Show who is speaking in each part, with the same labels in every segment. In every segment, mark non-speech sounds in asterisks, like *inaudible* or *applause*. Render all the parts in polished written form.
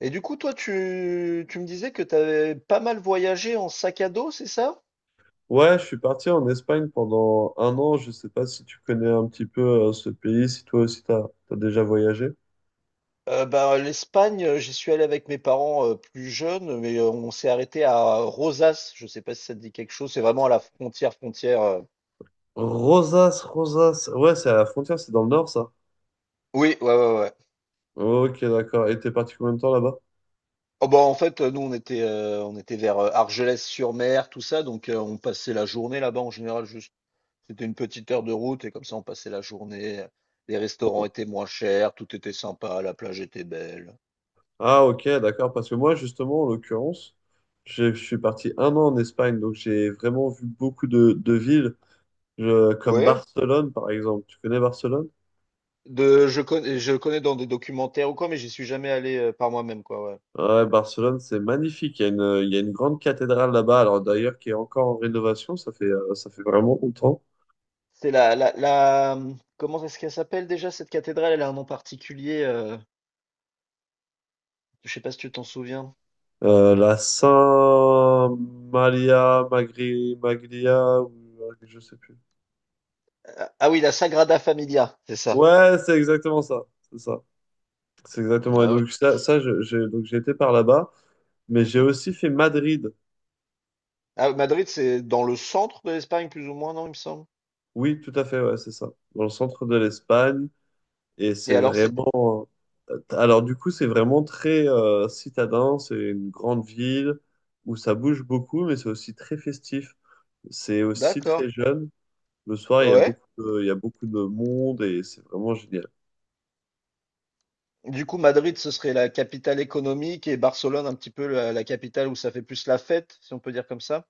Speaker 1: Et du coup, toi, tu me disais que tu avais pas mal voyagé en sac à dos, c'est ça?
Speaker 2: Ouais, je suis parti en Espagne pendant un an. Je sais pas si tu connais un petit peu ce pays, si toi aussi t'as déjà voyagé.
Speaker 1: L'Espagne, j'y suis allé avec mes parents plus jeunes, mais on s'est arrêté à Rosas. Je sais pas si ça te dit quelque chose. C'est vraiment à la frontière.
Speaker 2: Rosas, Rosas. Ouais, c'est à la frontière, c'est dans le nord, ça.
Speaker 1: Oui, ouais, ouais, ouais.
Speaker 2: Ok, d'accord. Et t'es parti combien de temps là-bas?
Speaker 1: En fait, nous, on était vers Argelès-sur-Mer, tout ça. Donc, on passait la journée là-bas en général. Juste, c'était une petite heure de route et comme ça, on passait la journée. Les restaurants étaient moins chers, tout était sympa, la plage était belle.
Speaker 2: Ah, ok, d'accord. Parce que moi, justement, en l'occurrence, je suis parti un an en Espagne, donc j'ai vraiment vu beaucoup de villes, comme
Speaker 1: Ouais.
Speaker 2: Barcelone, par exemple. Tu connais Barcelone?
Speaker 1: Je connais, je connais dans des documentaires ou quoi, mais j'y suis jamais allé par moi-même, quoi, ouais.
Speaker 2: Ouais, Barcelone, c'est magnifique. Il y a une grande cathédrale là-bas, alors d'ailleurs qui est encore en rénovation, ça fait vraiment longtemps.
Speaker 1: C'est la, comment est-ce qu'elle s'appelle déjà cette cathédrale? Elle a un nom particulier, je sais pas si tu t'en souviens.
Speaker 2: La Saint Maria Maglia, ou je sais plus.
Speaker 1: Ah, ah oui, la Sagrada Familia, c'est ça.
Speaker 2: Ouais, c'est exactement ça. C'est ça. C'est exactement. Et
Speaker 1: Ah oui.
Speaker 2: donc ça, j'ai été par là-bas, mais j'ai
Speaker 1: Mhm.
Speaker 2: aussi fait Madrid.
Speaker 1: Ah, Madrid, c'est dans le centre de l'Espagne, plus ou moins, non, il me semble.
Speaker 2: Oui, tout à fait, ouais, c'est ça. Dans le centre de l'Espagne. Et
Speaker 1: Et
Speaker 2: c'est
Speaker 1: alors, c'est,
Speaker 2: vraiment. Alors, du coup, c'est vraiment très citadin. C'est une grande ville où ça bouge beaucoup, mais c'est aussi très festif. C'est aussi
Speaker 1: d'accord,
Speaker 2: très jeune. Le soir,
Speaker 1: ouais.
Speaker 2: il y a beaucoup de monde et c'est vraiment génial.
Speaker 1: Du coup, Madrid, ce serait la capitale économique et Barcelone, un petit peu la capitale où ça fait plus la fête, si on peut dire comme ça.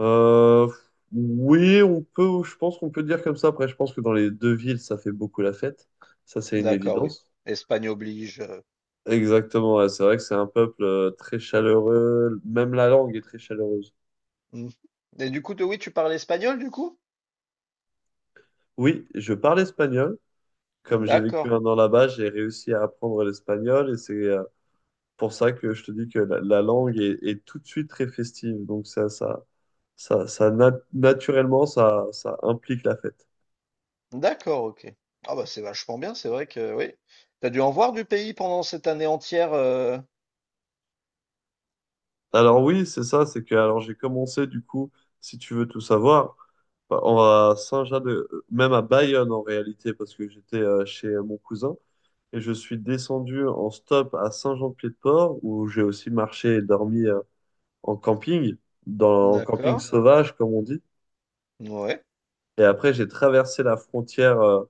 Speaker 2: Euh, oui, on peut, je pense qu'on peut dire comme ça. Après, je pense que dans les deux villes, ça fait beaucoup la fête. Ça, c'est une
Speaker 1: D'accord, oui.
Speaker 2: évidence.
Speaker 1: Espagne oblige.
Speaker 2: Exactement, ouais, c'est vrai que c'est un peuple très chaleureux. Même la langue est très chaleureuse.
Speaker 1: Mmh. Et du coup, toi, oui, tu parles espagnol, du coup?
Speaker 2: Oui, je parle espagnol. Comme j'ai vécu
Speaker 1: D'accord,
Speaker 2: un an là-bas, j'ai réussi à apprendre l'espagnol et c'est pour ça que je te dis que la langue est tout de suite très festive. Donc naturellement, ça implique la fête.
Speaker 1: d'accord, ok. Ah bah c'est vachement bien, c'est vrai que oui. T'as dû en voir du pays pendant cette année entière.
Speaker 2: Alors oui, c'est ça, c'est que alors j'ai commencé du coup, si tu veux tout savoir, à Saint-Jean de, même à Bayonne en réalité, parce que j'étais chez mon cousin et je suis descendu en stop à Saint-Jean-de-Pied-de-Port où j'ai aussi marché et dormi en camping, dans en camping
Speaker 1: D'accord,
Speaker 2: sauvage comme on dit.
Speaker 1: ouais.
Speaker 2: Et après, j'ai traversé la frontière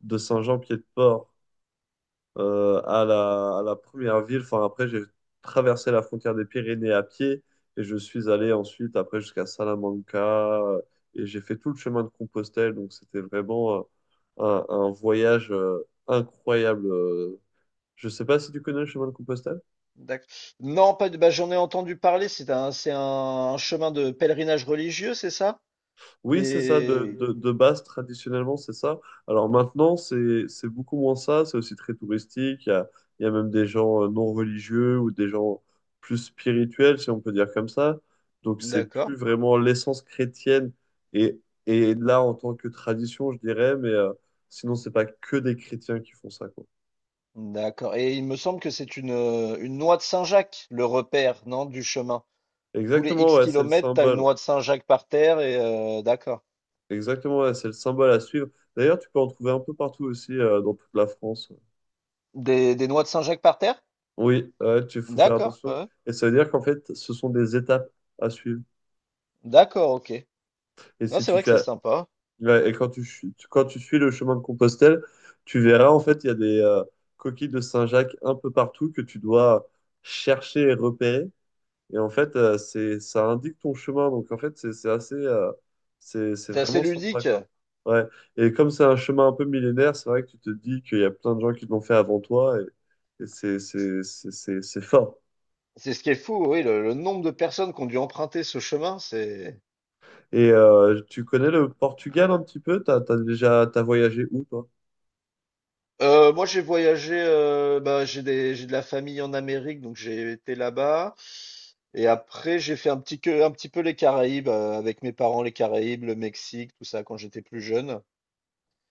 Speaker 2: de Saint-Jean-Pied-de-Port à à la première ville. Enfin, après, j'ai traversé la frontière des Pyrénées à pied et je suis allé ensuite, après, jusqu'à Salamanca euh, et j'ai fait tout le chemin de Compostelle. Donc, c'était vraiment un voyage incroyable. Je sais pas si tu connais le chemin de Compostelle.
Speaker 1: D'ac- Non, pas de. Bah, j'en ai entendu parler. C'est un chemin de pèlerinage religieux, c'est ça? Qui
Speaker 2: Oui, c'est ça,
Speaker 1: est-
Speaker 2: de base, traditionnellement, c'est ça. Alors maintenant, c'est beaucoup moins ça, c'est aussi très touristique. Il y a même des gens non religieux ou des gens plus spirituels, si on peut dire comme ça. Donc c'est
Speaker 1: D'accord,
Speaker 2: plus vraiment l'essence chrétienne. Et, et là, en tant que tradition, je dirais, mais sinon, c'est pas que des chrétiens qui font ça, quoi.
Speaker 1: d'accord. Et il me semble que c'est une noix de Saint-Jacques, le repère, non, du chemin. Tous les
Speaker 2: Exactement,
Speaker 1: X
Speaker 2: ouais, c'est le
Speaker 1: kilomètres, t'as une
Speaker 2: symbole.
Speaker 1: noix de Saint-Jacques par terre et d'accord.
Speaker 2: Exactement, ouais, c'est le symbole à suivre. D'ailleurs, tu peux en trouver un peu partout aussi, dans toute la France.
Speaker 1: Des noix de Saint-Jacques par terre?
Speaker 2: Oui, ouais, tu faut faire
Speaker 1: D'accord, ouais,
Speaker 2: attention.
Speaker 1: ouais.
Speaker 2: Et ça veut dire qu'en fait, ce sont des étapes à suivre.
Speaker 1: D'accord, ok.
Speaker 2: Et
Speaker 1: Non,
Speaker 2: si
Speaker 1: c'est
Speaker 2: tu
Speaker 1: vrai que c'est
Speaker 2: fais,
Speaker 1: sympa.
Speaker 2: ouais, et quand tu suis le chemin de Compostelle, tu verras en fait, il y a des coquilles de Saint-Jacques un peu partout que tu dois chercher et repérer. Et en fait, ça indique ton chemin. Donc en fait, c'est assez, c'est
Speaker 1: C'est assez
Speaker 2: vraiment sympa
Speaker 1: ludique.
Speaker 2: quoi. Ouais. Et comme c'est un chemin un peu millénaire, c'est vrai que tu te dis qu'il y a plein de gens qui l'ont fait avant toi et c'est fort.
Speaker 1: C'est ce qui est fou, oui, le nombre de personnes qui ont dû emprunter ce chemin, c'est…
Speaker 2: Et tu connais le Portugal un petit peu? T'as voyagé où, toi?
Speaker 1: Moi, j'ai voyagé, j'ai de la famille en Amérique, donc j'ai été là-bas. Et après, j'ai fait un petit peu les Caraïbes, avec mes parents, les Caraïbes, le Mexique, tout ça, quand j'étais plus jeune.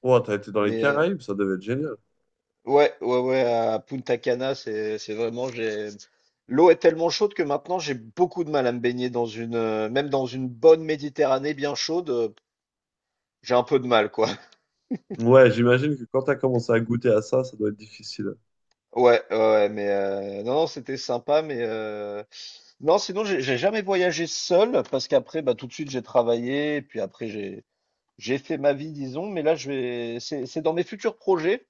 Speaker 2: Oh, t'as été dans les
Speaker 1: Mais euh,
Speaker 2: Caraïbes, ça devait être génial.
Speaker 1: ouais, à Punta Cana, c'est vraiment, l'eau est tellement chaude que maintenant j'ai beaucoup de mal à me baigner dans une, même dans une bonne Méditerranée bien chaude, j'ai un peu de mal, quoi. *laughs*
Speaker 2: Ouais, j'imagine que quand t'as commencé à goûter à ça, ça doit être difficile.
Speaker 1: Non, non, c'était sympa, non, sinon j'ai jamais voyagé seul parce qu'après, bah tout de suite j'ai travaillé, et puis après j'ai fait ma vie, disons, mais c'est dans mes futurs projets.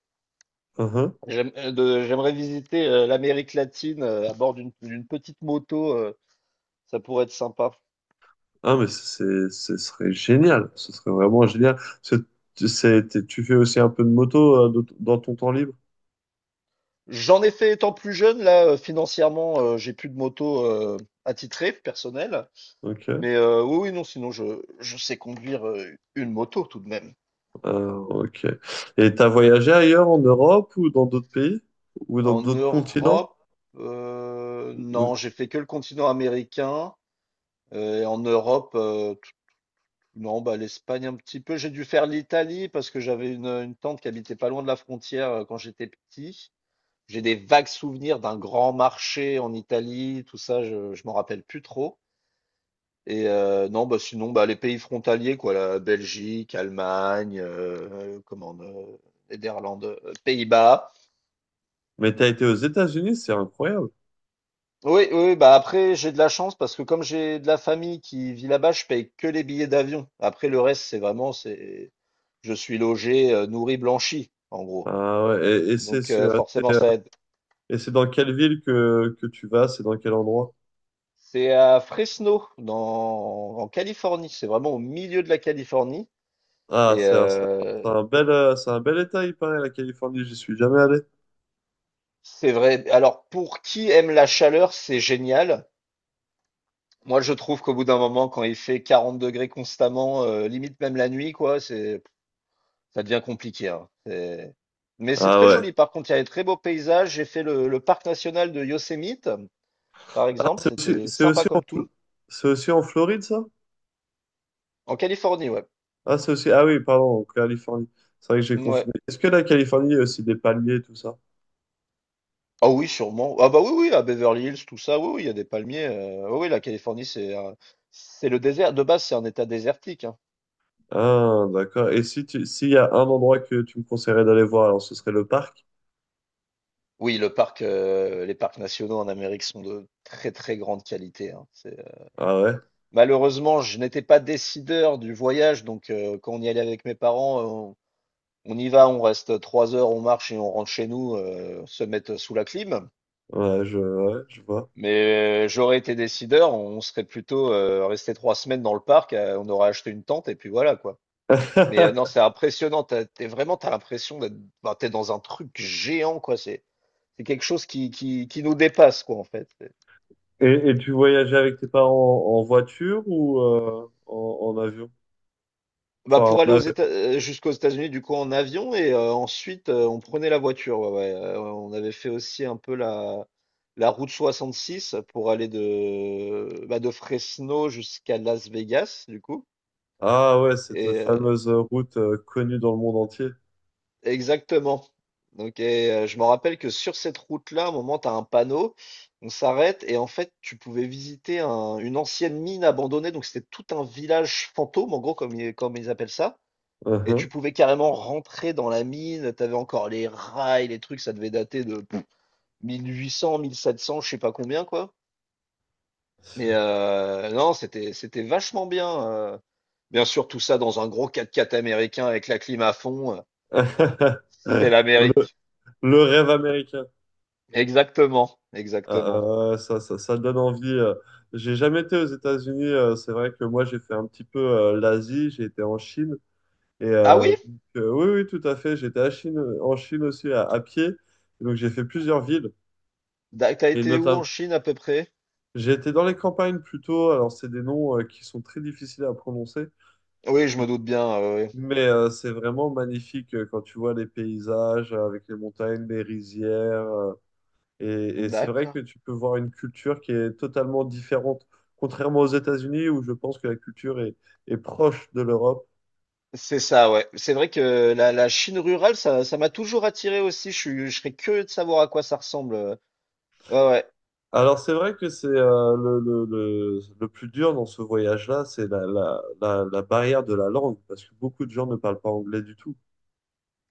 Speaker 2: Uhum.
Speaker 1: J'aimerais visiter l'Amérique latine à bord d'une petite moto, ça pourrait être sympa.
Speaker 2: Ah, ce serait génial. Ce serait vraiment génial. Tu fais aussi un peu de moto dans ton temps libre.
Speaker 1: J'en ai fait étant plus jeune, là, financièrement, j'ai plus de moto, attitrée, personnelle.
Speaker 2: Ok.
Speaker 1: Mais, oui, oui, non, sinon je sais conduire, une moto tout de même.
Speaker 2: Ah, ok. Et t'as voyagé ailleurs en Europe ou dans d'autres pays? Ou dans
Speaker 1: En
Speaker 2: d'autres continents?
Speaker 1: Europe,
Speaker 2: Ou-
Speaker 1: non, j'ai fait que le continent américain, et en Europe, t non, bah, l'Espagne un petit peu. J'ai dû faire l'Italie parce que j'avais une tante qui habitait pas loin de la frontière, quand j'étais petit. J'ai des vagues souvenirs d'un grand marché en Italie, tout ça, je m'en rappelle plus trop. Et non, bah, sinon, bah, les pays frontaliers quoi, la Belgique, Allemagne, Néderlande, Pays-Bas.
Speaker 2: Mais t'as été aux États-Unis, c'est incroyable.
Speaker 1: Oui, oui, oui, bah, après j'ai de la chance parce que comme j'ai de la famille qui vit là-bas, je paye que les billets d'avion. Après le reste, c'est vraiment c'est je suis logé, nourri, blanchi en gros.
Speaker 2: Ah ouais, et, et c'est
Speaker 1: Donc
Speaker 2: sur-
Speaker 1: forcément
Speaker 2: c'est-
Speaker 1: ça aide.
Speaker 2: et c'est dans quelle ville que tu vas? C'est dans quel endroit?
Speaker 1: C'est à Fresno dans en Californie, c'est vraiment au milieu de la Californie
Speaker 2: Ah,
Speaker 1: et
Speaker 2: c'est un, c'est un c'est un c'est un bel état, il paraît, la Californie, j'y suis jamais allé.
Speaker 1: c'est vrai alors pour qui aime la chaleur, c'est génial. Moi, je trouve qu'au bout d'un moment, quand il fait 40 degrés constamment, limite même la nuit, quoi, ça devient compliqué, hein. Mais c'est
Speaker 2: Ah
Speaker 1: très
Speaker 2: ouais.
Speaker 1: joli. Par contre, il y a des très beaux paysages. J'ai fait le parc national de Yosemite, par exemple. C'était
Speaker 2: C'est
Speaker 1: sympa
Speaker 2: aussi en,
Speaker 1: comme tout.
Speaker 2: Fl- c'est aussi en Floride, ça?
Speaker 1: En Californie, ouais.
Speaker 2: Ah, c'est aussi, ah oui, pardon, en Californie. C'est vrai que j'ai
Speaker 1: Ouais.
Speaker 2: confiné. Est-ce que la Californie, il y a aussi des palmiers, tout ça?
Speaker 1: Ah oui, sûrement. Ah bah oui, oui, à Beverly Hills, tout ça. Oui, oui, il y a des palmiers. Oui, oui, la Californie, c'est le désert. De base, c'est un état désertique, hein.
Speaker 2: Ah, d'accord. Et si tu, s'il y a un endroit que tu me conseillerais d'aller voir, alors ce serait le parc?
Speaker 1: Oui, le parc, les parcs nationaux en Amérique sont de très, très grande qualité, hein. C'est…
Speaker 2: Ah ouais,
Speaker 1: Malheureusement, je n'étais pas décideur du voyage, donc quand on y allait avec mes parents, on y va, on reste trois heures, on marche et on rentre chez nous, se mettre sous la clim.
Speaker 2: ouais, ouais, je vois.
Speaker 1: Mais j'aurais été décideur, on serait plutôt resté trois semaines dans le parc, on aurait acheté une tente et puis voilà quoi. Non, c'est
Speaker 2: *laughs*
Speaker 1: impressionnant, t'es vraiment, t'as l'impression d'être, bah, t'es dans un truc géant quoi. C'est quelque chose qui nous dépasse quoi en fait.
Speaker 2: Et tu voyageais avec tes parents en voiture ou en avion?
Speaker 1: Bah
Speaker 2: Enfin,
Speaker 1: pour
Speaker 2: en
Speaker 1: aller aux
Speaker 2: avion.
Speaker 1: Éta jusqu'aux États-Unis du coup en avion et ensuite, on prenait la voiture, ouais, ouais, on avait fait aussi un peu la route 66 pour aller de, bah, de Fresno jusqu'à Las Vegas du coup
Speaker 2: Ah ouais, cette
Speaker 1: et
Speaker 2: fameuse route connue dans le monde entier.
Speaker 1: exactement. Donc et je me rappelle que sur cette route-là, à un moment, tu as un panneau, on s'arrête et en fait, tu pouvais visiter un une ancienne mine abandonnée, donc c'était tout un village fantôme en gros comme ils appellent ça. Et
Speaker 2: Uhum.
Speaker 1: tu pouvais carrément rentrer dans la mine. T'avais encore les rails, les trucs, ça devait dater de pff, 1800, 1700, je sais pas combien, quoi. Non, c'était c'était vachement bien. Bien sûr, tout ça dans un gros quatre-quatre américain avec la clim à fond,
Speaker 2: *laughs*
Speaker 1: c'est
Speaker 2: Le,
Speaker 1: l'Amérique.
Speaker 2: le rêve américain.
Speaker 1: Exactement, exactement.
Speaker 2: Ah, ça donne envie. J'ai jamais été aux États-Unis. C'est vrai que moi, j'ai fait un petit peu l'Asie. J'ai été en Chine. Et
Speaker 1: Ah oui?
Speaker 2: oui, oui, tout à fait. J'étais à Chine, en Chine aussi à pied. Et donc j'ai fait plusieurs villes.
Speaker 1: T'as
Speaker 2: Et
Speaker 1: été où en
Speaker 2: notamment,
Speaker 1: Chine à peu près?
Speaker 2: j'ai été dans les campagnes plutôt. Alors c'est des noms qui sont très difficiles à prononcer.
Speaker 1: Oui, je
Speaker 2: Et-
Speaker 1: me doute bien. Oui.
Speaker 2: Mais c'est vraiment magnifique quand tu vois les paysages avec les montagnes, les rizières. Et c'est vrai que
Speaker 1: D'accord.
Speaker 2: tu peux voir une culture qui est totalement différente. Contrairement aux États-Unis, où je pense que est proche de l'Europe.
Speaker 1: C'est ça, ouais. C'est vrai que la Chine rurale, ça m'a toujours attiré aussi. Je serais curieux de savoir à quoi ça ressemble. Ouais, ouais.
Speaker 2: Alors c'est vrai que c'est le plus dur dans ce voyage-là, c'est la barrière de la langue, parce que beaucoup de gens ne parlent pas anglais du tout.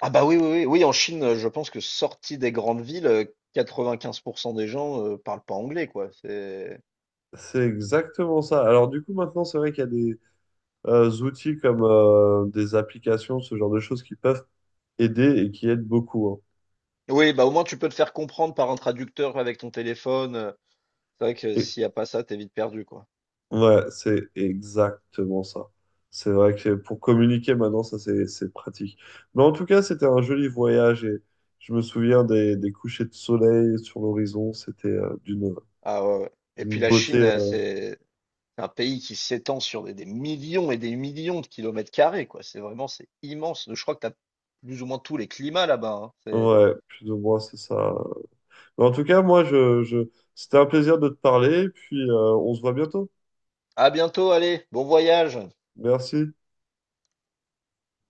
Speaker 1: Ah bah oui, oui, oui, oui, en Chine, je pense que sorti des grandes villes, 95 des gens, parlent pas anglais, quoi. C'est…
Speaker 2: C'est exactement ça. Alors du coup maintenant c'est vrai qu'il y a des outils comme des applications, ce genre de choses qui peuvent aider et qui aident beaucoup. Hein.
Speaker 1: Oui, bah, au moins tu peux te faire comprendre par un traducteur avec ton téléphone, c'est vrai que
Speaker 2: Et,
Speaker 1: s'il y a pas ça, t'es vite perdu, quoi.
Speaker 2: ouais, c'est exactement ça. C'est vrai que pour communiquer maintenant, ça c'est pratique. Mais en tout cas, c'était un joli voyage et je me souviens des couchers de soleil sur l'horizon. C'était
Speaker 1: Ah ouais, ouais, et puis
Speaker 2: d'une
Speaker 1: la Chine,
Speaker 2: beauté.
Speaker 1: c'est un pays qui s'étend sur des millions et des millions de kilomètres carrés, quoi. C'est vraiment c'est immense. Je crois que t'as plus ou moins tous les climats là-bas, hein. C'est…
Speaker 2: Ouais, plus ou moins, c'est ça. Mais en tout cas, je... c'était un plaisir de te parler, puis on se voit bientôt.
Speaker 1: À bientôt, allez, bon voyage!
Speaker 2: Merci.